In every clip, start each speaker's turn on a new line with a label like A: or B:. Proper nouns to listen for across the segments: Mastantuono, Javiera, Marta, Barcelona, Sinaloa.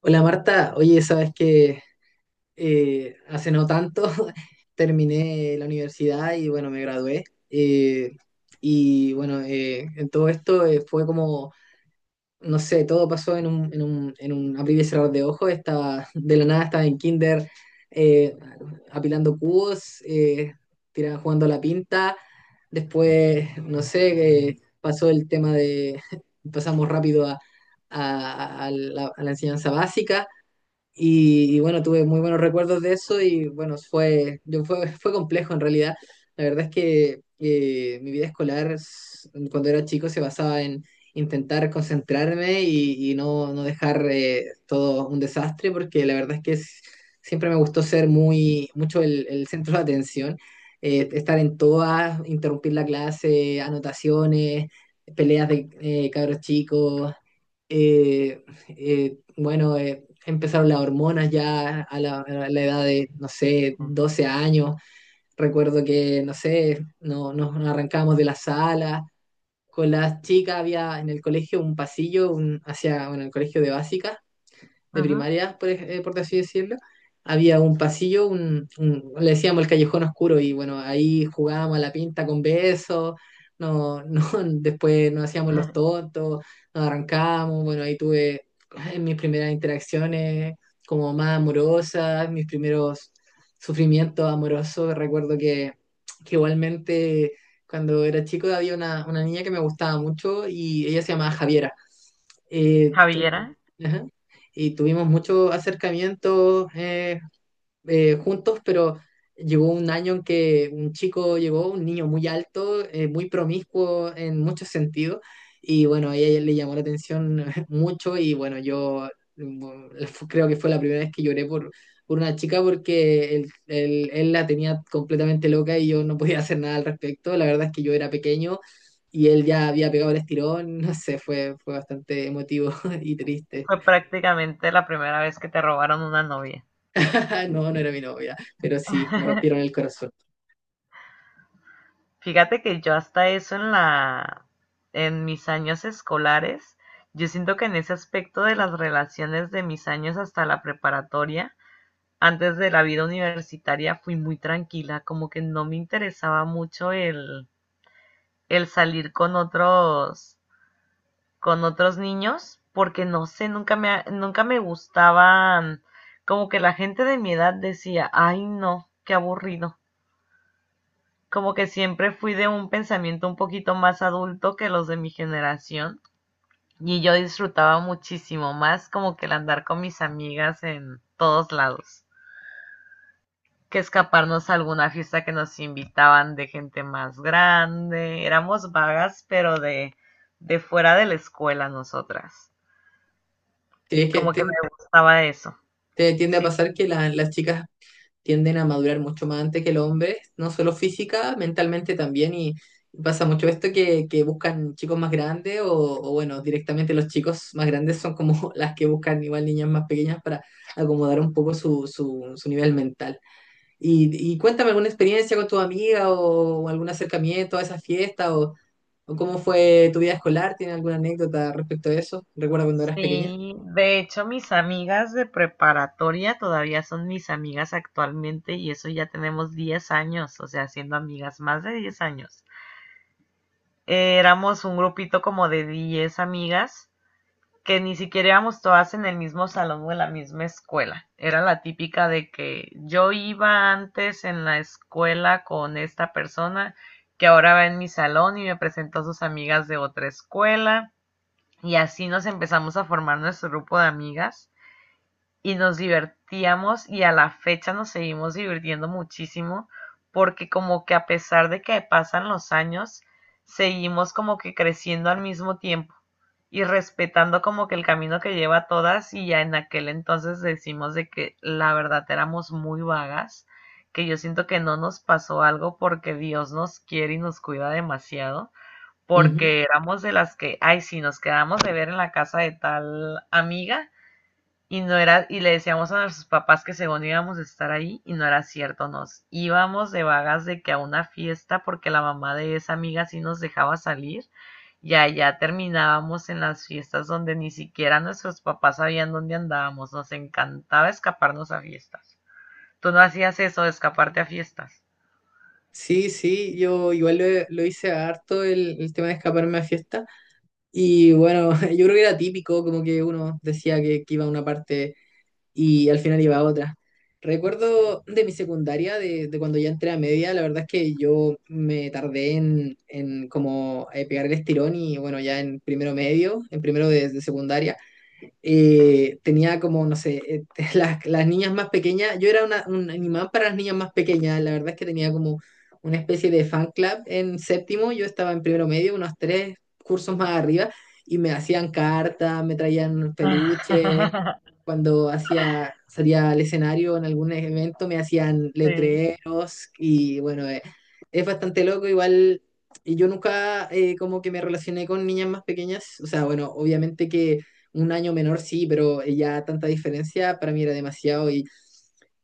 A: Hola Marta, oye, sabes que hace no tanto terminé la universidad y bueno, me gradué. eh, y bueno, en todo esto fue como, no sé, todo pasó en un abrir y cerrar de ojos. Estaba, de la nada estaba en kinder, eh, apilando cubos, jugando a la pinta. Después, no sé, pasó el tema de, pasamos rápido a la enseñanza básica. Y bueno, tuve muy buenos recuerdos de eso y bueno, fue complejo en realidad. La verdad es que mi vida escolar cuando era chico se basaba en intentar concentrarme y no, no dejar todo un desastre porque la verdad es que siempre me gustó ser mucho el centro de atención, estar en todas, interrumpir la clase, anotaciones, peleas de cabros chicos. Bueno, empezaron las hormonas ya a a la edad de, no sé, 12 años. Recuerdo que, no sé, no, nos arrancábamos de la sala. Con las chicas había en el colegio un pasillo un, hacia, bueno, el colegio de básica, de
B: Ujú.
A: primaria, por, por así decirlo, había un pasillo, le decíamos el callejón oscuro y bueno, ahí jugábamos a la pinta con besos, no, no, después nos hacíamos los tontos, nos arrancábamos. Bueno, ahí tuve mis primeras interacciones como más amorosas, mis primeros sufrimientos amorosos. Recuerdo que igualmente cuando era chico había una niña que me gustaba mucho y ella se llamaba Javiera. Tuvimos…
B: Javiera,
A: Ajá. Y tuvimos muchos acercamientos, juntos, pero llegó un año en que un chico llegó, un niño muy alto, muy promiscuo en muchos sentidos, y bueno, a ella le llamó la atención mucho. Y bueno, yo, mm, creo que fue la primera vez que lloré por una chica, porque él la tenía completamente loca y yo no podía hacer nada al respecto. La verdad es que yo era pequeño. Y él ya había pegado el estirón, no sé, fue bastante emotivo y triste.
B: fue prácticamente la primera vez que te robaron una novia.
A: Ah, no, no era mi novia, pero sí, me rompieron el corazón.
B: Fíjate que yo hasta eso en en mis años escolares, yo siento que en ese aspecto de las relaciones de mis años hasta la preparatoria, antes de la vida universitaria, fui muy tranquila, como que no me interesaba mucho el salir con otros niños porque no sé, nunca me gustaban, como que la gente de mi edad decía, ay no, qué aburrido. Como que siempre fui de un pensamiento un poquito más adulto que los de mi generación y yo disfrutaba muchísimo más como que el andar con mis amigas en todos lados, que escaparnos a alguna fiesta que nos invitaban de gente más grande. Éramos vagas, pero de fuera de la escuela nosotras.
A: ¿Crees que
B: Como que me gustaba eso.
A: te tiende a
B: Sí,
A: pasar que las chicas tienden a madurar mucho más antes que los hombres? No solo física, mentalmente también, y pasa mucho esto que buscan chicos más grandes, o bueno, directamente los chicos más grandes son como las que buscan igual niñas más pequeñas para acomodar un poco su nivel mental. Y cuéntame alguna experiencia con tu amiga o algún acercamiento a esa fiesta o cómo fue tu vida escolar. ¿Tiene alguna anécdota respecto a eso? Recuerda cuando eras pequeña.
B: sí. De hecho, mis amigas de preparatoria todavía son mis amigas actualmente y eso ya tenemos 10 años, o sea, siendo amigas más de 10 años. Éramos un grupito como de 10 amigas que ni siquiera éramos todas en el mismo salón o en la misma escuela. Era la típica de que yo iba antes en la escuela con esta persona que ahora va en mi salón y me presentó a sus amigas de otra escuela. Y así nos empezamos a formar nuestro grupo de amigas y nos divertíamos y a la fecha nos seguimos divirtiendo muchísimo porque como que a pesar de que pasan los años, seguimos como que creciendo al mismo tiempo y respetando como que el camino que lleva a todas y ya en aquel entonces decimos de que la verdad éramos muy vagas, que yo siento que no nos pasó algo porque Dios nos quiere y nos cuida demasiado
A: Ujú.
B: porque éramos de las que, ay, sí, nos quedamos de ver en la casa de tal amiga y no era, y le decíamos a nuestros papás que según íbamos a estar ahí y no era cierto, nos íbamos de vagas de que a una fiesta porque la mamá de esa amiga sí nos dejaba salir y allá terminábamos en las fiestas donde ni siquiera nuestros papás sabían dónde andábamos, nos encantaba escaparnos a fiestas. Tú no hacías eso de escaparte a fiestas.
A: Sí, sí, yo igual lo hice harto el tema de escaparme a fiesta. Y bueno, yo creo que era típico, como que uno decía que iba a una parte y al final iba a otra. Recuerdo de mi secundaria, de cuando ya entré a media. La verdad es que yo me tardé en como pegar el estirón. Y bueno, ya en primero medio, en primero de secundaria,
B: Sí.
A: tenía como, no sé, las niñas más pequeñas, yo era un imán para las niñas más pequeñas. La verdad es que tenía como una especie de fan club en séptimo, yo estaba en primero medio, unos tres cursos más arriba, y me hacían cartas, me traían peluches, cuando hacía, salía al escenario en algún evento me hacían
B: Sí.
A: letreros. Y bueno, es bastante loco, igual… Y yo nunca como que me relacioné con niñas más pequeñas. O sea, bueno, obviamente que un año menor, sí, pero ya tanta diferencia para mí era demasiado. Y,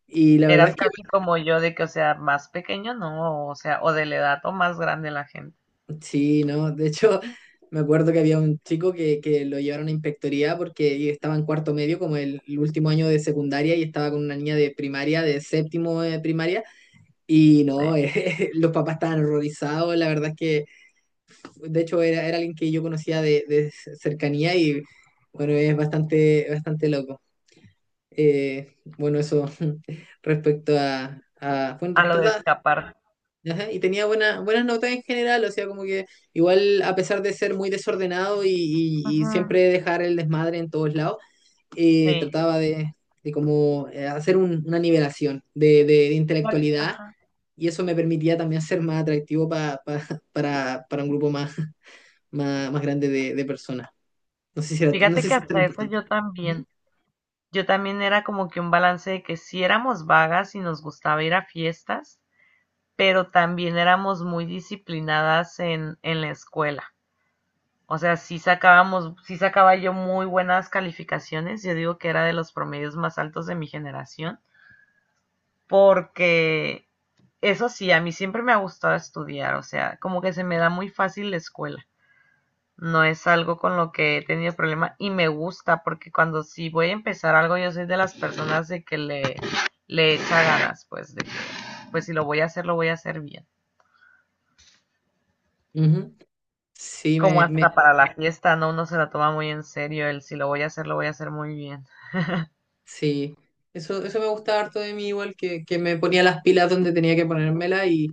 A: y la verdad
B: Eras
A: es que
B: casi como yo de que, o sea, más pequeño no, o sea, o de la edad o más grande la gente,
A: igual, sí, ¿no? De hecho, me acuerdo que había un chico que lo llevaron a inspectoría porque estaba en cuarto medio, como el último año de secundaria, y estaba con una niña de primaria, de séptimo de primaria. Y
B: sí,
A: no, los papás estaban horrorizados. La verdad es que, de hecho, era alguien que yo conocía de cercanía. Y bueno, es bastante, bastante loco. Bueno, eso respecto a bueno…
B: a lo de escapar.
A: Ajá. Y tenía buenas notas en general, o sea, como que igual a pesar de ser muy desordenado y siempre
B: Ujú.
A: dejar el desmadre en todos lados,
B: Sí.
A: trataba de como hacer una nivelación de, de
B: Fíjate.
A: intelectualidad,
B: Ajá.
A: y eso me permitía también ser más atractivo para un grupo más, más, más grande de personas. No sé si no
B: Fíjate
A: sé
B: que
A: si es tan
B: hasta eso
A: importante.
B: yo
A: Ujú,
B: también. Yo también era como que un balance de que sí éramos vagas y nos gustaba ir a fiestas, pero también éramos muy disciplinadas en la escuela. O sea, sí sacábamos, sí sacaba yo muy buenas calificaciones. Yo digo que era de los promedios más altos de mi generación porque eso sí, a mí siempre me ha gustado estudiar, o sea, como que se me da muy fácil la escuela. No es algo con lo que he tenido problema y me gusta porque cuando sí voy a empezar algo, yo soy de las personas de que le echa ganas, pues, de que, pues si lo voy a hacer, lo voy a hacer bien.
A: ujú. Sí,
B: Como
A: me, me-
B: hasta para la fiesta, ¿no? Uno se la toma muy en serio, el si lo voy a hacer, lo voy a hacer muy bien.
A: Sí, eso me gustaba harto de mí, igual que me ponía las pilas donde tenía que ponérmela. Y,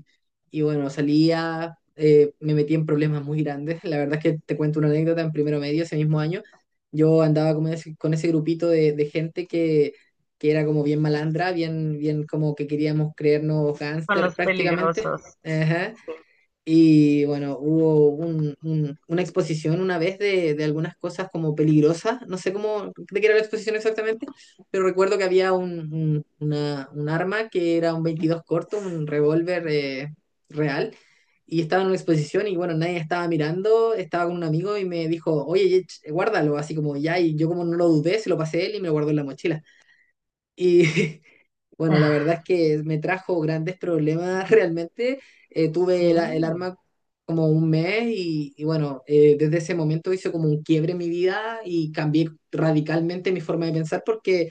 A: y bueno, salía. Me metí en problemas muy grandes. La verdad es que te cuento una anécdota: en primero medio, ese mismo año, yo andaba con ese grupito de gente que era como bien malandra, bien, bien, como que queríamos creernos
B: Con
A: gángster
B: los
A: prácticamente.
B: peligrosos.
A: Ajá. Y bueno, hubo una exposición una vez de algunas cosas como peligrosas. No sé cómo, de qué era la exposición exactamente, pero recuerdo que había un arma que era un 22 corto, un revólver, real, y estaba en una exposición. Y bueno, nadie estaba mirando, estaba con un amigo y me dijo: oye, guárdalo, así como ya. Y yo, como no lo dudé, se lo pasé a él y me lo guardó en la mochila. Y bueno, la verdad es que me trajo grandes problemas realmente. Tuve
B: Sí,
A: el arma como un mes. Y bueno, desde ese momento hizo como un quiebre en mi vida y cambié radicalmente mi forma de pensar, porque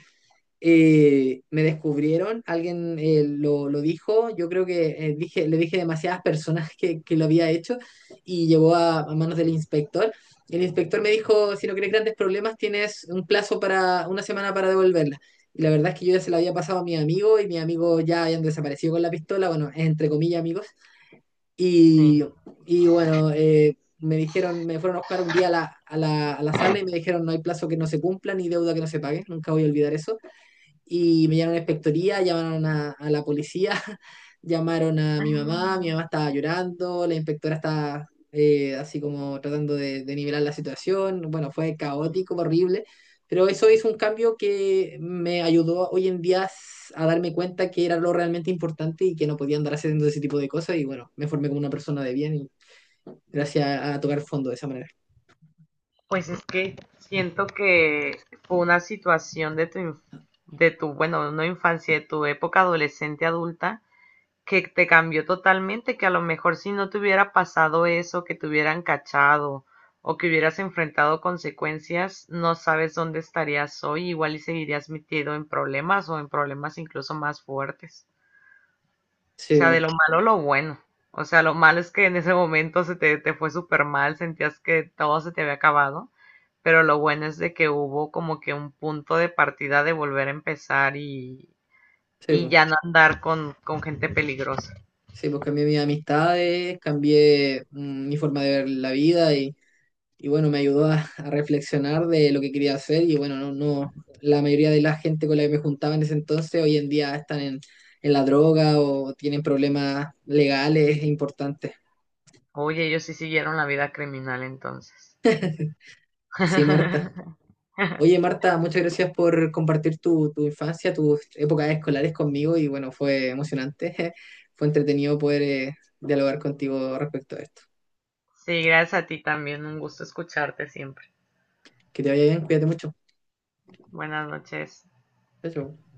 A: me descubrieron, alguien lo dijo. Yo creo que le dije a demasiadas personas que lo había hecho, y llegó a manos del inspector. El inspector me dijo: si no quieres grandes problemas, tienes un plazo para una semana para devolverla. Y la verdad es que yo ya se la había pasado a mi amigo, y mi amigo ya habían desaparecido con la pistola, bueno, entre comillas amigos.
B: sí.
A: Y, y bueno, me dijeron, me fueron a buscar un día a a la sala y me dijeron: no hay plazo que no se cumpla ni deuda que no se pague. Nunca voy a olvidar eso. Y me llamaron a la inspectoría, llamaron a la policía, llamaron a mi mamá estaba llorando, la inspectora estaba así como tratando de nivelar la situación. Bueno, fue caótico, horrible, pero eso es un cambio que me ayudó hoy en día a darme cuenta que era lo realmente importante y que no podía andar haciendo ese tipo de cosas. Y bueno, me formé como una persona de bien, y gracias a tocar fondo de esa manera.
B: Pues es que siento que fue una situación de tu, de tu, bueno, no infancia, de tu época adolescente adulta, que te cambió totalmente, que a lo mejor si no te hubiera pasado eso, que te hubieran cachado o que hubieras enfrentado consecuencias, no sabes dónde estarías hoy, igual y seguirías metido en problemas o en problemas incluso más fuertes. O
A: Sí,
B: sea, de
A: bo,
B: lo malo lo bueno. O sea, lo malo es que en ese momento te fue súper mal, sentías que todo se te había acabado, pero lo bueno es de que hubo como que un punto de partida de volver a empezar
A: sí,
B: y
A: bo.
B: ya no andar con gente peligrosa.
A: Sí, pues cambié mis amistades, cambié, mi forma de ver la vida. Y y bueno, me ayudó a reflexionar de lo que quería hacer. Y bueno, no, no, la mayoría de la gente con la que me juntaba en ese entonces hoy en día están en la droga o tienen problemas legales importantes.
B: Oye, ellos sí siguieron la vida criminal entonces.
A: Sí, Marta. Oye, Marta, muchas gracias por compartir tu, tu infancia, tus épocas escolares conmigo. Y bueno, fue emocionante, fue entretenido poder dialogar contigo respecto a esto.
B: Sí, gracias a ti también, un gusto escucharte siempre.
A: Que te vaya bien, cuídate mucho.
B: Buenas noches.
A: Chao, chao.